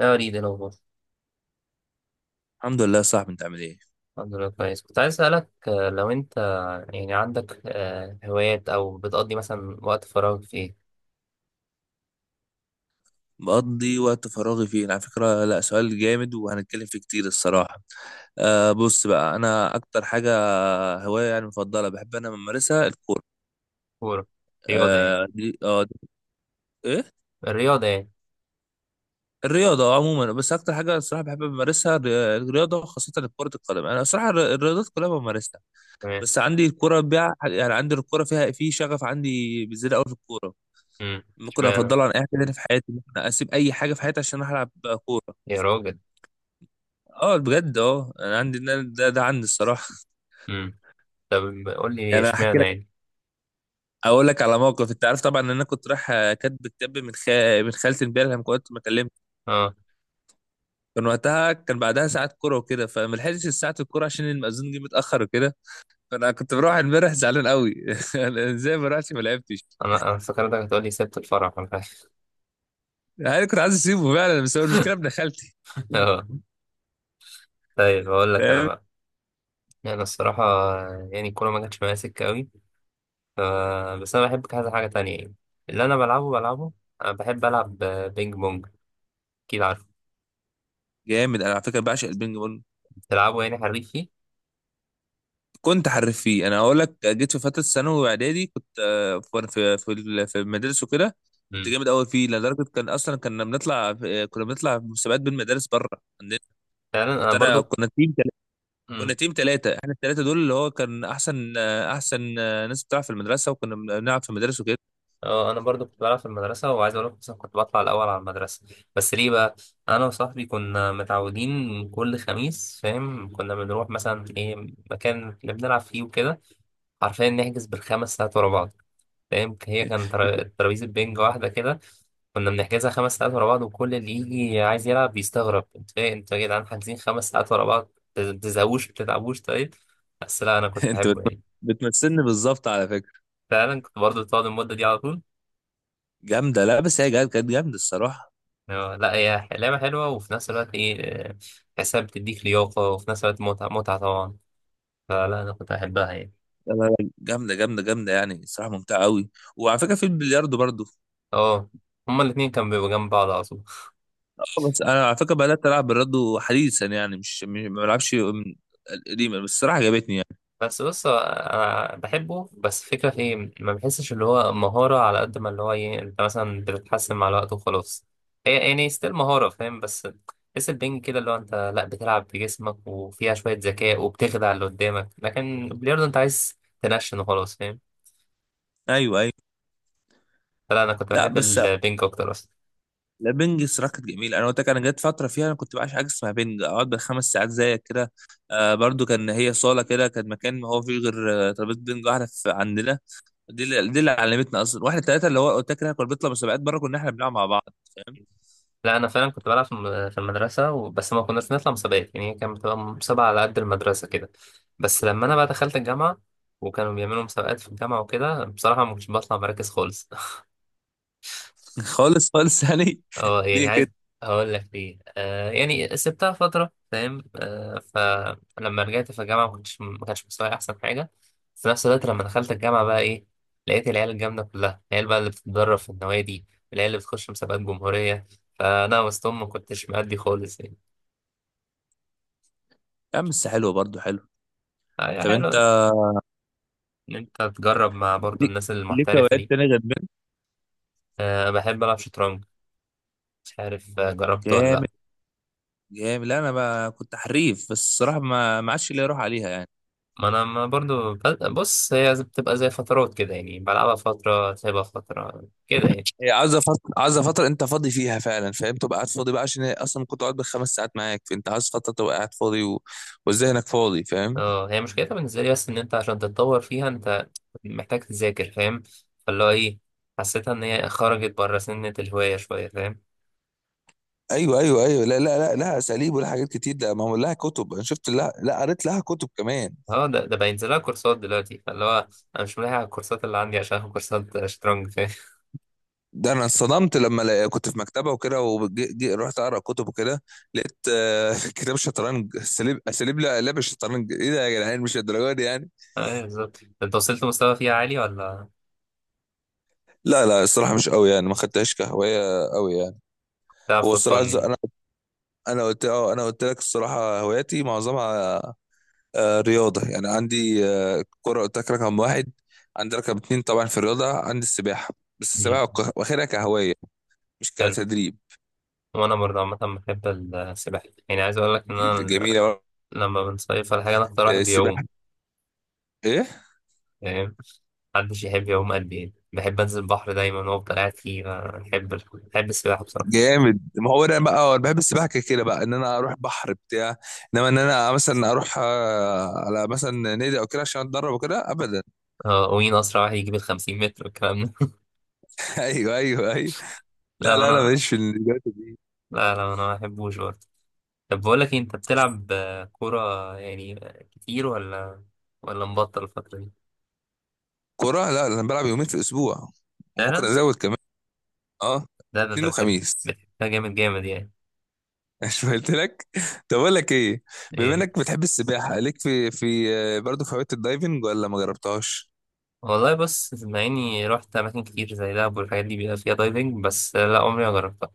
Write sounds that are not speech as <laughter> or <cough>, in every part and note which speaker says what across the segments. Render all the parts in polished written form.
Speaker 1: لا أريد الأخبار.
Speaker 2: الحمد لله يا صاحبي، انت عامل ايه؟
Speaker 1: الحمد لله، كويس. كنت عايز أسألك لو أنت يعني عندك هوايات، أو بتقضي مثلا وقت فراغ في إيه؟
Speaker 2: بقضي وقت فراغي فين؟ على فكرة لا، سؤال جامد وهنتكلم فيه كتير الصراحة. بص بقى، انا اكتر حاجة هواية يعني مفضلة بحب انا بمارسها الكورة.
Speaker 1: كورة؟ رياضة يعني؟
Speaker 2: آه دي. ايه،
Speaker 1: الرياضة يعني.
Speaker 2: الرياضة عموما، بس اكتر حاجة الصراحة بحب امارسها الرياضة، خاصة كرة القدم. انا الصراحة الرياضات كلها بمارسها،
Speaker 1: تمام.
Speaker 2: بس عندي الكورة بيع، يعني عندي الكورة فيها في شغف عندي بزيادة قوي في الكورة. ممكن
Speaker 1: اشمعنى؟
Speaker 2: افضلها عن اي حاجة تانية في حياتي، ممكن اسيب اي حاجة في حياتي عشان العب كورة.
Speaker 1: يا راجل.
Speaker 2: اه بجد اه، انا عندي ده عندي الصراحه. <laughs>
Speaker 1: أمم، طب قول لي
Speaker 2: يعني انا هحكي
Speaker 1: اشمعنى
Speaker 2: لك،
Speaker 1: يعني.
Speaker 2: اقول لك على موقف. انت عارف طبعا ان انا كنت رايح كاتب كتاب من خالتي امبارح لما كنت بكلمك.
Speaker 1: أه.
Speaker 2: كان وقتها كان بعدها ساعه كوره وكده، فما لحقتش ساعه الكوره عشان المأذون جه متاخر وكده. فانا كنت بروح امبارح زعلان قوي. <laughs> أنا ازاي ما رحتش ما لعبتش؟
Speaker 1: أنا افتكرتك هتقول لي سبت الفرح ولا حاجة.
Speaker 2: انا كنت عايز اسيبه فعلا، بس هو المشكله ابن خالتي،
Speaker 1: <laughs> أه. طيب أقول لك أنا
Speaker 2: فاهم.
Speaker 1: بقى. أنا الصراحة يعني الكورة ما جاتش معايا سكة أوي. ف- بس أنا بحب كذا حاجة تانية يعني، اللي أنا بلعبه بلعبه. أنا بحب ألعب بينج بونج. أكيد.
Speaker 2: جامد، انا على فكره بعشق البينج.
Speaker 1: تلعبوا يعني حريف فيه؟
Speaker 2: كنت حريف فيه، انا اقول لك جيت في فتره ثانوي واعدادي كنت في المدارس وكده. كنت
Speaker 1: امم.
Speaker 2: جامد قوي فيه لدرجه كان اصلا كنا بنطلع في مسابقات بين مدارس بره عندنا.
Speaker 1: فعلا، انا
Speaker 2: كنت انا
Speaker 1: برضو.
Speaker 2: كنا
Speaker 1: امم.
Speaker 2: تيم ثلاثه، احنا الثلاثه دول اللي هو كان احسن ناس بتلعب في المدرسه، وكنا بنلعب في المدارس وكده.
Speaker 1: اه، انا برضو كنت بلعب في المدرسه، وعايز اقول لك مثلا كنت بطلع الاول على المدرسه. بس ليه بقى؟ انا وصاحبي كنا متعودين كل خميس، فاهم، كنا بنروح مثلا ايه، مكان اللي بنلعب فيه وكده. حرفيا نحجز بال5 ساعات ورا بعض، فاهم. هي كان
Speaker 2: <laughs>
Speaker 1: ترابيزه بينج واحده كده. كنا بنحجزها 5 ساعات ورا بعض، وكل اللي يجي عايز يلعب بيستغرب: انت ايه؟ انتوا يا جدعان حاجزين 5 ساعات ورا بعض؟ ما بتزهقوش؟ ما بتتعبوش؟ طيب. بس لا، انا كنت
Speaker 2: انت
Speaker 1: بحبه يعني.
Speaker 2: بتمثلني بالظبط على فكره.
Speaker 1: فعلا كنت برضه بتقعد المدة دي على طول.
Speaker 2: جامده، لا بس هي كانت جامده الصراحه.
Speaker 1: لا، هي لعبة حلوة، وفي نفس الوقت ايه، آه، تحسها بتديك لياقة، وفي نفس الوقت متعة، متعة طبعا. فلا أنا كنت بحبها يعني.
Speaker 2: لا، لا، لا، جامده جامده جامده، يعني الصراحه ممتعه قوي. وعلى فكره في البلياردو برضه.
Speaker 1: اه، هما الاتنين كانوا بيبقوا جنب بعض على طول.
Speaker 2: بس انا على فكره بدات العب بالرادو حديثا، يعني ما بلعبش من القديمه، بس الصراحه عجبتني يعني.
Speaker 1: بس بص أنا بحبه بس فكرة في ايه، ما بحسش اللي هو مهارة على قد ما اللي هو ايه، أنت مثلا بتتحسن مع الوقت وخلاص. هي يعني ستيل مهارة فاهم. بس تحس البنج كده، اللي هو أنت لا بتلعب بجسمك وفيها شوية ذكاء وبتخدع اللي قدامك. لكن البلياردو أنت عايز تنشن وخلاص، فاهم.
Speaker 2: ايوه ايوه.
Speaker 1: لا انا كنت
Speaker 2: لا
Speaker 1: بحب
Speaker 2: بس،
Speaker 1: البينج اكتر اصلا.
Speaker 2: لا بنج الصراحه كانت جميله. انا قلت لك انا جت فتره فيها انا كنت بعشق حاجه اسمها بنج، اقعد بالخمس ساعات زيك كده. آه برضو، كان هي صاله كده، كان مكان ما هو فيه غير ترابيزه بنج واحده في عندنا. دي اللي علمتنا اصلا واحنا ثلاثه، اللي هو قلت لك احنا كنا بنطلع مسابقات بره، كنا احنا بنلعب مع بعض، فاهم.
Speaker 1: لا انا فعلا كنت بلعب في في المدرسه، بس ما كناش نطلع مسابقات يعني. هي كانت بتبقى مسابقه على قد المدرسه كده. بس لما انا بقى دخلت الجامعه، وكانوا بيعملوا مسابقات في الجامعه وكده، بصراحه ما كنتش بطلع مراكز خالص.
Speaker 2: <laughs> خالص خالص يعني.
Speaker 1: اه
Speaker 2: <laughs> ليه
Speaker 1: يعني
Speaker 2: كده؟
Speaker 1: عايز هقول لك ليه. آه يعني سبتها فترة، فاهم. آه. فلما رجعت في الجامعة ما كنتش، ما كانش مستواي أحسن حاجة. في نفس الوقت لما دخلت الجامعة بقى إيه، لقيت العيال الجامدة كلها، العيال بقى اللي بتتدرب في النوادي، العيال اللي بتخش مسابقات جمهورية. فأنا وسطهم ما كنتش مأدي خالص يعني.
Speaker 2: يا عم بس حلوه برضو حلو.
Speaker 1: هي
Speaker 2: طب انت
Speaker 1: حلوة. إن أنت تجرب مع برضو
Speaker 2: ليك
Speaker 1: الناس
Speaker 2: ليك
Speaker 1: المحترفة
Speaker 2: هوايات
Speaker 1: دي.
Speaker 2: تانية غير
Speaker 1: آه، بحب ألعب شطرنج. مش عارف جربته ولا
Speaker 2: بنج؟
Speaker 1: لأ.
Speaker 2: جامد، لا انا بقى كنت حريف، بس الصراحه ما عادش ليا روح عليها يعني.
Speaker 1: ما انا، ما برضو بص، هي بتبقى زي فترات كده يعني، بلعبها فترة سايبها فترة كده يعني.
Speaker 2: هي عايزه فتره عايزه فتره، انت فاضي فيها فعلا، فاهم؟ تبقى قاعد فاضي بقى، عشان هي اصلا كنت قاعد بالخمس ساعات معاك، فانت عايز فتره تبقى قاعد فاضي وذهنك فاضي، فاهم.
Speaker 1: اه هي مشكلتها بالنسبة لي بس ان انت عشان تتطور فيها انت محتاج تذاكر، فاهم. فاللي هو ايه، حسيتها ان هي خرجت بره سنة الهواية شوية، فاهم.
Speaker 2: ايوه ايوه ايوه. لا لا لا لا، اساليب ولا حاجات كتير. ده ما هو لها كتب، انا شفت لها، لا قريت لها كتب كمان.
Speaker 1: اه ده بينزل لها كورسات دلوقتي، فاللي هو انا مش ملاحق على الكورسات اللي عندي عشان آخد كورسات شطرنج، فاهم.
Speaker 2: ده انا اتصدمت لما كنت في مكتبه وكده، ورحت اقرا كتب وكده، لقيت <laughs> كتاب شطرنج اساليب اساليب لا لعب الشطرنج. ايه ده يا جدعان، مش الدرجه دي يعني.
Speaker 1: <laughs> ايوه بالظبط. انت وصلت مستوى فيها عالي، ولا
Speaker 2: لا لا، الصراحة مش قوي يعني، ما خدتهاش كهواية قوي يعني.
Speaker 1: بتلعب
Speaker 2: هو
Speaker 1: فور فن
Speaker 2: الصراحة
Speaker 1: يعني؟
Speaker 2: أنا، أنا قلت أه أنا قلت لك الصراحة هواياتي معظمها رياضة. يعني عندي كرة قلت لك رقم واحد، عندي رقم اتنين طبعا في الرياضة عندي السباحة، بس
Speaker 1: مم.
Speaker 2: السباحة واخدها كهواية مش
Speaker 1: حلو.
Speaker 2: كتدريب.
Speaker 1: وانا برضه عامة بحب السباحة. يعني عايز اقول لك ان انا
Speaker 2: جميلة.
Speaker 1: لما بنصيف ولا حاجة، أنا أكتر واحد بيعوم،
Speaker 2: السباحة إيه.
Speaker 1: فاهم. محدش يحب يعوم قد يعني. بحب أنزل البحر دايما وأفضل قاعد فيه، ما بحب، بحب السباحة بصراحة.
Speaker 2: جامد، ما هو أنا بقى أنا بحب السباحة كده كده بقى، إن أنا أروح بحر بتاع، إنما إن أنا مثلا أروح على مثلا نادي أو كده عشان أتدرب وكده، أبدا.
Speaker 1: ومين أسرع واحد يجيب ال50 متر والكلام ده.
Speaker 2: <laughs> أيوه أيوه أيوه.
Speaker 1: <laughs>
Speaker 2: لا
Speaker 1: لا
Speaker 2: لا، انا
Speaker 1: أنا.
Speaker 2: ماليش في الرياضه دي.
Speaker 1: لا لا، أنا ما بحبوش برضه. طب بقول لك إيه، أنت بتلعب كورة يعني كتير، ولا ولا مبطل الفترة دي؟
Speaker 2: كوره، لا انا بلعب يومين في الاسبوع، وممكن
Speaker 1: فعلا.
Speaker 2: ازود كمان. اه،
Speaker 1: لا، ده أنت
Speaker 2: اثنين
Speaker 1: بتحب.
Speaker 2: وخميس.
Speaker 1: بتحبها جامد، جامد يعني.
Speaker 2: <laughs> مش قلت لك. طب اقول لك ايه، بما
Speaker 1: إيه.
Speaker 2: انك بتحب السباحه، ليك في في برضه في هوايه الدايفنج ولا ما جربتهاش؟
Speaker 1: والله بص، مع إني رحت أماكن كتير زي دهب والحاجات دي بيبقى فيها دايفنج، بس لا، عمري ما جربتها.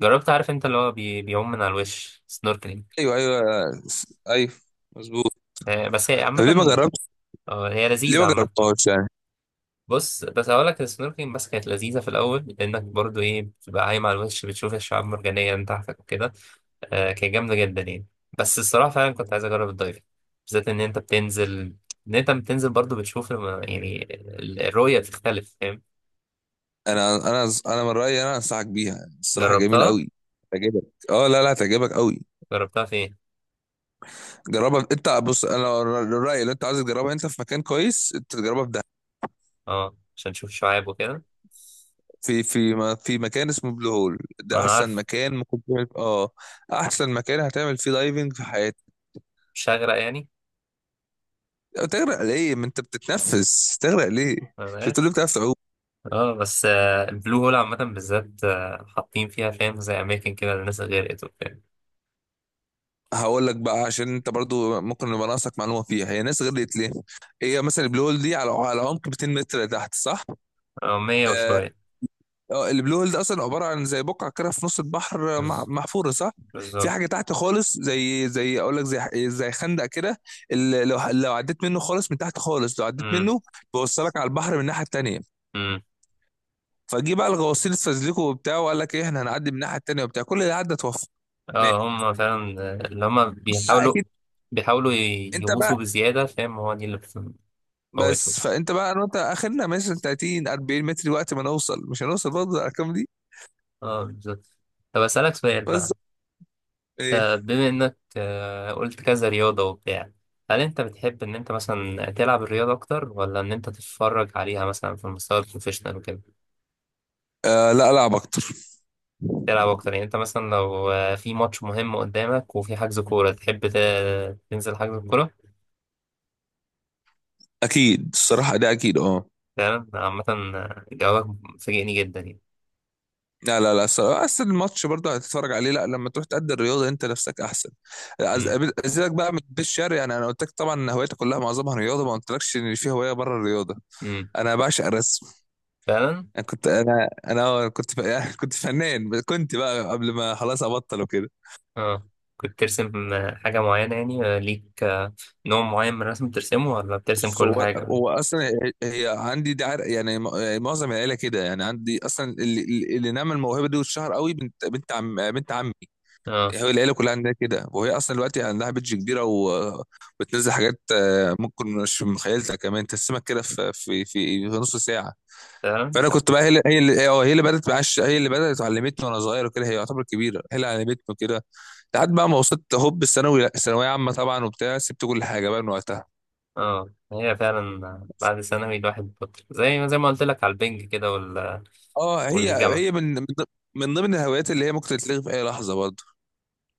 Speaker 1: جربت، عارف انت اللي هو بيعوم من على الوش، سنوركلينج.
Speaker 2: ايوه ايوه ايوه، مظبوط.
Speaker 1: آه بس هي
Speaker 2: طب ليه ما
Speaker 1: عامة.
Speaker 2: جربت،
Speaker 1: اه هي
Speaker 2: ليه
Speaker 1: لذيذة
Speaker 2: ما
Speaker 1: عامة.
Speaker 2: جربتهاش يعني؟
Speaker 1: بص، بس هقول لك، السنوركلينج بس كانت لذيذة في الأول لأنك برضو إيه، بتبقى عايم على الوش بتشوف الشعاب المرجانية من تحتك وكده. آه كانت جامدة جدا يعني. بس الصراحة فعلا كنت عايز أجرب الدايفنج، بالذات إن أنت بتنزل، إن أنت بتنزل برضو بتشوف يعني الرؤية بتختلف، فاهم.
Speaker 2: انا من رايي انا انصحك بيها، الصراحه جميل
Speaker 1: جربتها؟
Speaker 2: قوي، هتعجبك. اه لا لا، هتعجبك قوي.
Speaker 1: جربتها فين؟
Speaker 2: جربها انت، بص انا الراي اللي انت عايز تجربها انت في مكان كويس، انت تجربها في
Speaker 1: اه عشان تشوف الشعاب وكده.
Speaker 2: في مكان اسمه بلو هول.
Speaker 1: ما
Speaker 2: ده
Speaker 1: أنا
Speaker 2: احسن
Speaker 1: عارف.
Speaker 2: مكان ممكن تعمل، اه احسن مكان هتعمل فيه دايفنج في حياتك.
Speaker 1: مش هغرق يعني؟
Speaker 2: تغرق ليه، ما انت بتتنفس؟ تغرق ليه؟
Speaker 1: ما أنا
Speaker 2: مش بتقول لي
Speaker 1: عارف.
Speaker 2: بتعرف تعوم؟
Speaker 1: اه بس البلو هول عامة بالذات حاطين فيها فاهم زي أماكن كده الناس غرقت وبتاع.
Speaker 2: هقول لك بقى، عشان انت برضو ممكن يبقى ناقصك معلومه فيها، هي ناس غرقت ليه. هي مثلا البلو هول دي على عمق 200 متر تحت، صح؟
Speaker 1: اه 100 وشوية.
Speaker 2: اه البلو هول ده اصلا عباره عن زي بقعه كده في نص البحر،
Speaker 1: بز-
Speaker 2: محفوره، صح. في
Speaker 1: بالظبط.
Speaker 2: حاجه تحت خالص، زي زي اقول لك زي زي خندق كده، لو عديت منه خالص، من تحت خالص لو عديت
Speaker 1: أمم،
Speaker 2: منه، بيوصلك على البحر من الناحيه التانيه.
Speaker 1: أمم.
Speaker 2: فجي بقى الغواصين استزلكوا وبتاع وقال لك ايه احنا هنعدي من الناحيه التانيه وبتاع، كل اللي عدى توفى. ماشي.
Speaker 1: اه هم فعلا اللي هم
Speaker 2: آه،
Speaker 1: بيحاولوا،
Speaker 2: اكيد.
Speaker 1: بيحاولوا
Speaker 2: انت بقى،
Speaker 1: يغوصوا بزيادة، فاهم. هو دي اللي بتموتهم.
Speaker 2: بس فانت بقى انا وانت اخرنا مثلا 30 40 متر وقت ما نوصل، مش هنوصل برضه الارقام دي.
Speaker 1: اه بالظبط. طب أسألك سؤال
Speaker 2: بس
Speaker 1: بقى.
Speaker 2: ايه.
Speaker 1: بما إنك قلت كذا رياضة وبتاع، هل أنت بتحب إن أنت مثلا تلعب الرياضة أكتر، ولا إن أنت تتفرج عليها مثلا في المستوى البروفيشنال وكده؟
Speaker 2: آه لا، العب اكتر.
Speaker 1: تلعب اكتر يعني. انت مثلا لو في ماتش مهم قدامك، وفي حجز كوره، تحب تنزل حجز الكوره؟
Speaker 2: اكيد الصراحه، ده اكيد اه.
Speaker 1: فعلا. عامه جوابك فاجئني جدا يعني.
Speaker 2: لا لا لا، الصراحة أصل الماتش برضه هتتفرج عليه، لا لما تروح تأدي الرياضة أنت نفسك أحسن.
Speaker 1: امم.
Speaker 2: أزيدك بقى من البيت الشعر، يعني أنا قلت لك طبعا إن هوايتي كلها معظمها رياضة، ما قلتلكش إن في هواية بره الرياضة.
Speaker 1: امم.
Speaker 2: أنا بعشق الرسم.
Speaker 1: فعلا.
Speaker 2: أنا كنت أنا أنا آه، كنت ف- يعني <laughs> كنت فنان، كنت بقى قبل ما خلاص أبطل وكده.
Speaker 1: اه كنت ترسم حاجه معينه يعني ليك نوع معين من الرسم بترسمه، ولا بترسم
Speaker 2: بص
Speaker 1: كل
Speaker 2: هو
Speaker 1: حاجه؟
Speaker 2: هو أصلا، هي عندي دي يعني يعني معظم العيلة كده، يعني عندي أصلا اللي نعمل الموهبة دي واتشهر قوي، بنت عمي.
Speaker 1: اه
Speaker 2: هو العيله كلها عندها كده، وهي اصلا دلوقتي عندها بيدج كبيره وبتنزل حاجات ممكن مش في مخيلتها، كمان تسمك كده في نص ساعه.
Speaker 1: فعلا.
Speaker 2: فانا
Speaker 1: طب.
Speaker 2: كنت بقى، هي اللي بدات علمتني وانا صغير وكده، هي يعتبر كبيره، هي اللي علمتني كده لحد بقى ما وصلت هوب الثانوي، ثانويه عامه طبعا وبتاع سبت كل حاجه بقى من وقتها.
Speaker 1: اه هي فعلا بعد ثانوي الواحد بطل، زي ما قلت لك على البنج كده،
Speaker 2: اه هي
Speaker 1: والجامعه.
Speaker 2: هي من ضمن الهوايات اللي هي ممكن تتلغي في اي لحظه برضه.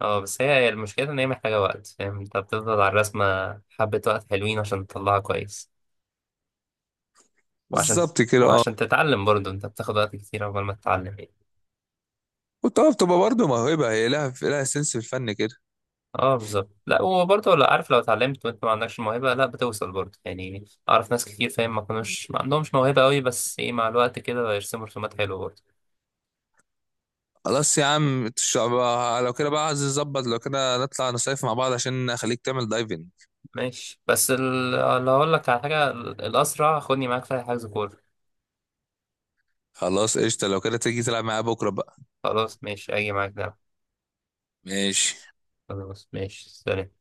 Speaker 1: اه بس هي المشكلة ان هي محتاجة وقت، فاهم، انت بتفضل على الرسمة حبة وقت حلوين عشان تطلعها كويس، وعشان
Speaker 2: بالظبط كده اه.
Speaker 1: وعشان تتعلم برضه انت بتاخد وقت كتير عقبال ما تتعلم يعني.
Speaker 2: وطبعا بتبقى برضه موهبه، هي لها سنس في الفن كده.
Speaker 1: اه بالظبط. لا، وبرضه لا عارف، لو اتعلمت وانت ما عندكش موهبة لا بتوصل برضه يعني. اعرف ناس كتير، فاهم، ما كانوش، ما عندهمش موهبة قوي، بس ايه مع الوقت كده يرسموا رسومات حلوة برضه.
Speaker 2: خلاص يا عم، لو كده بقى عايز نظبط لو كده نطلع نصيف مع بعض عشان اخليك تعمل دايفنج.
Speaker 1: ماشي بس اللي هقول لك على حاجة، الأسرع خدني معاك في حجز كورة.
Speaker 2: خلاص قشطة، لو كده تيجي تلعب معايا بكرة بقى.
Speaker 1: خلاص ماشي، أجي معاك. نعم.
Speaker 2: ماشي.
Speaker 1: خلاص ماشي، سلام.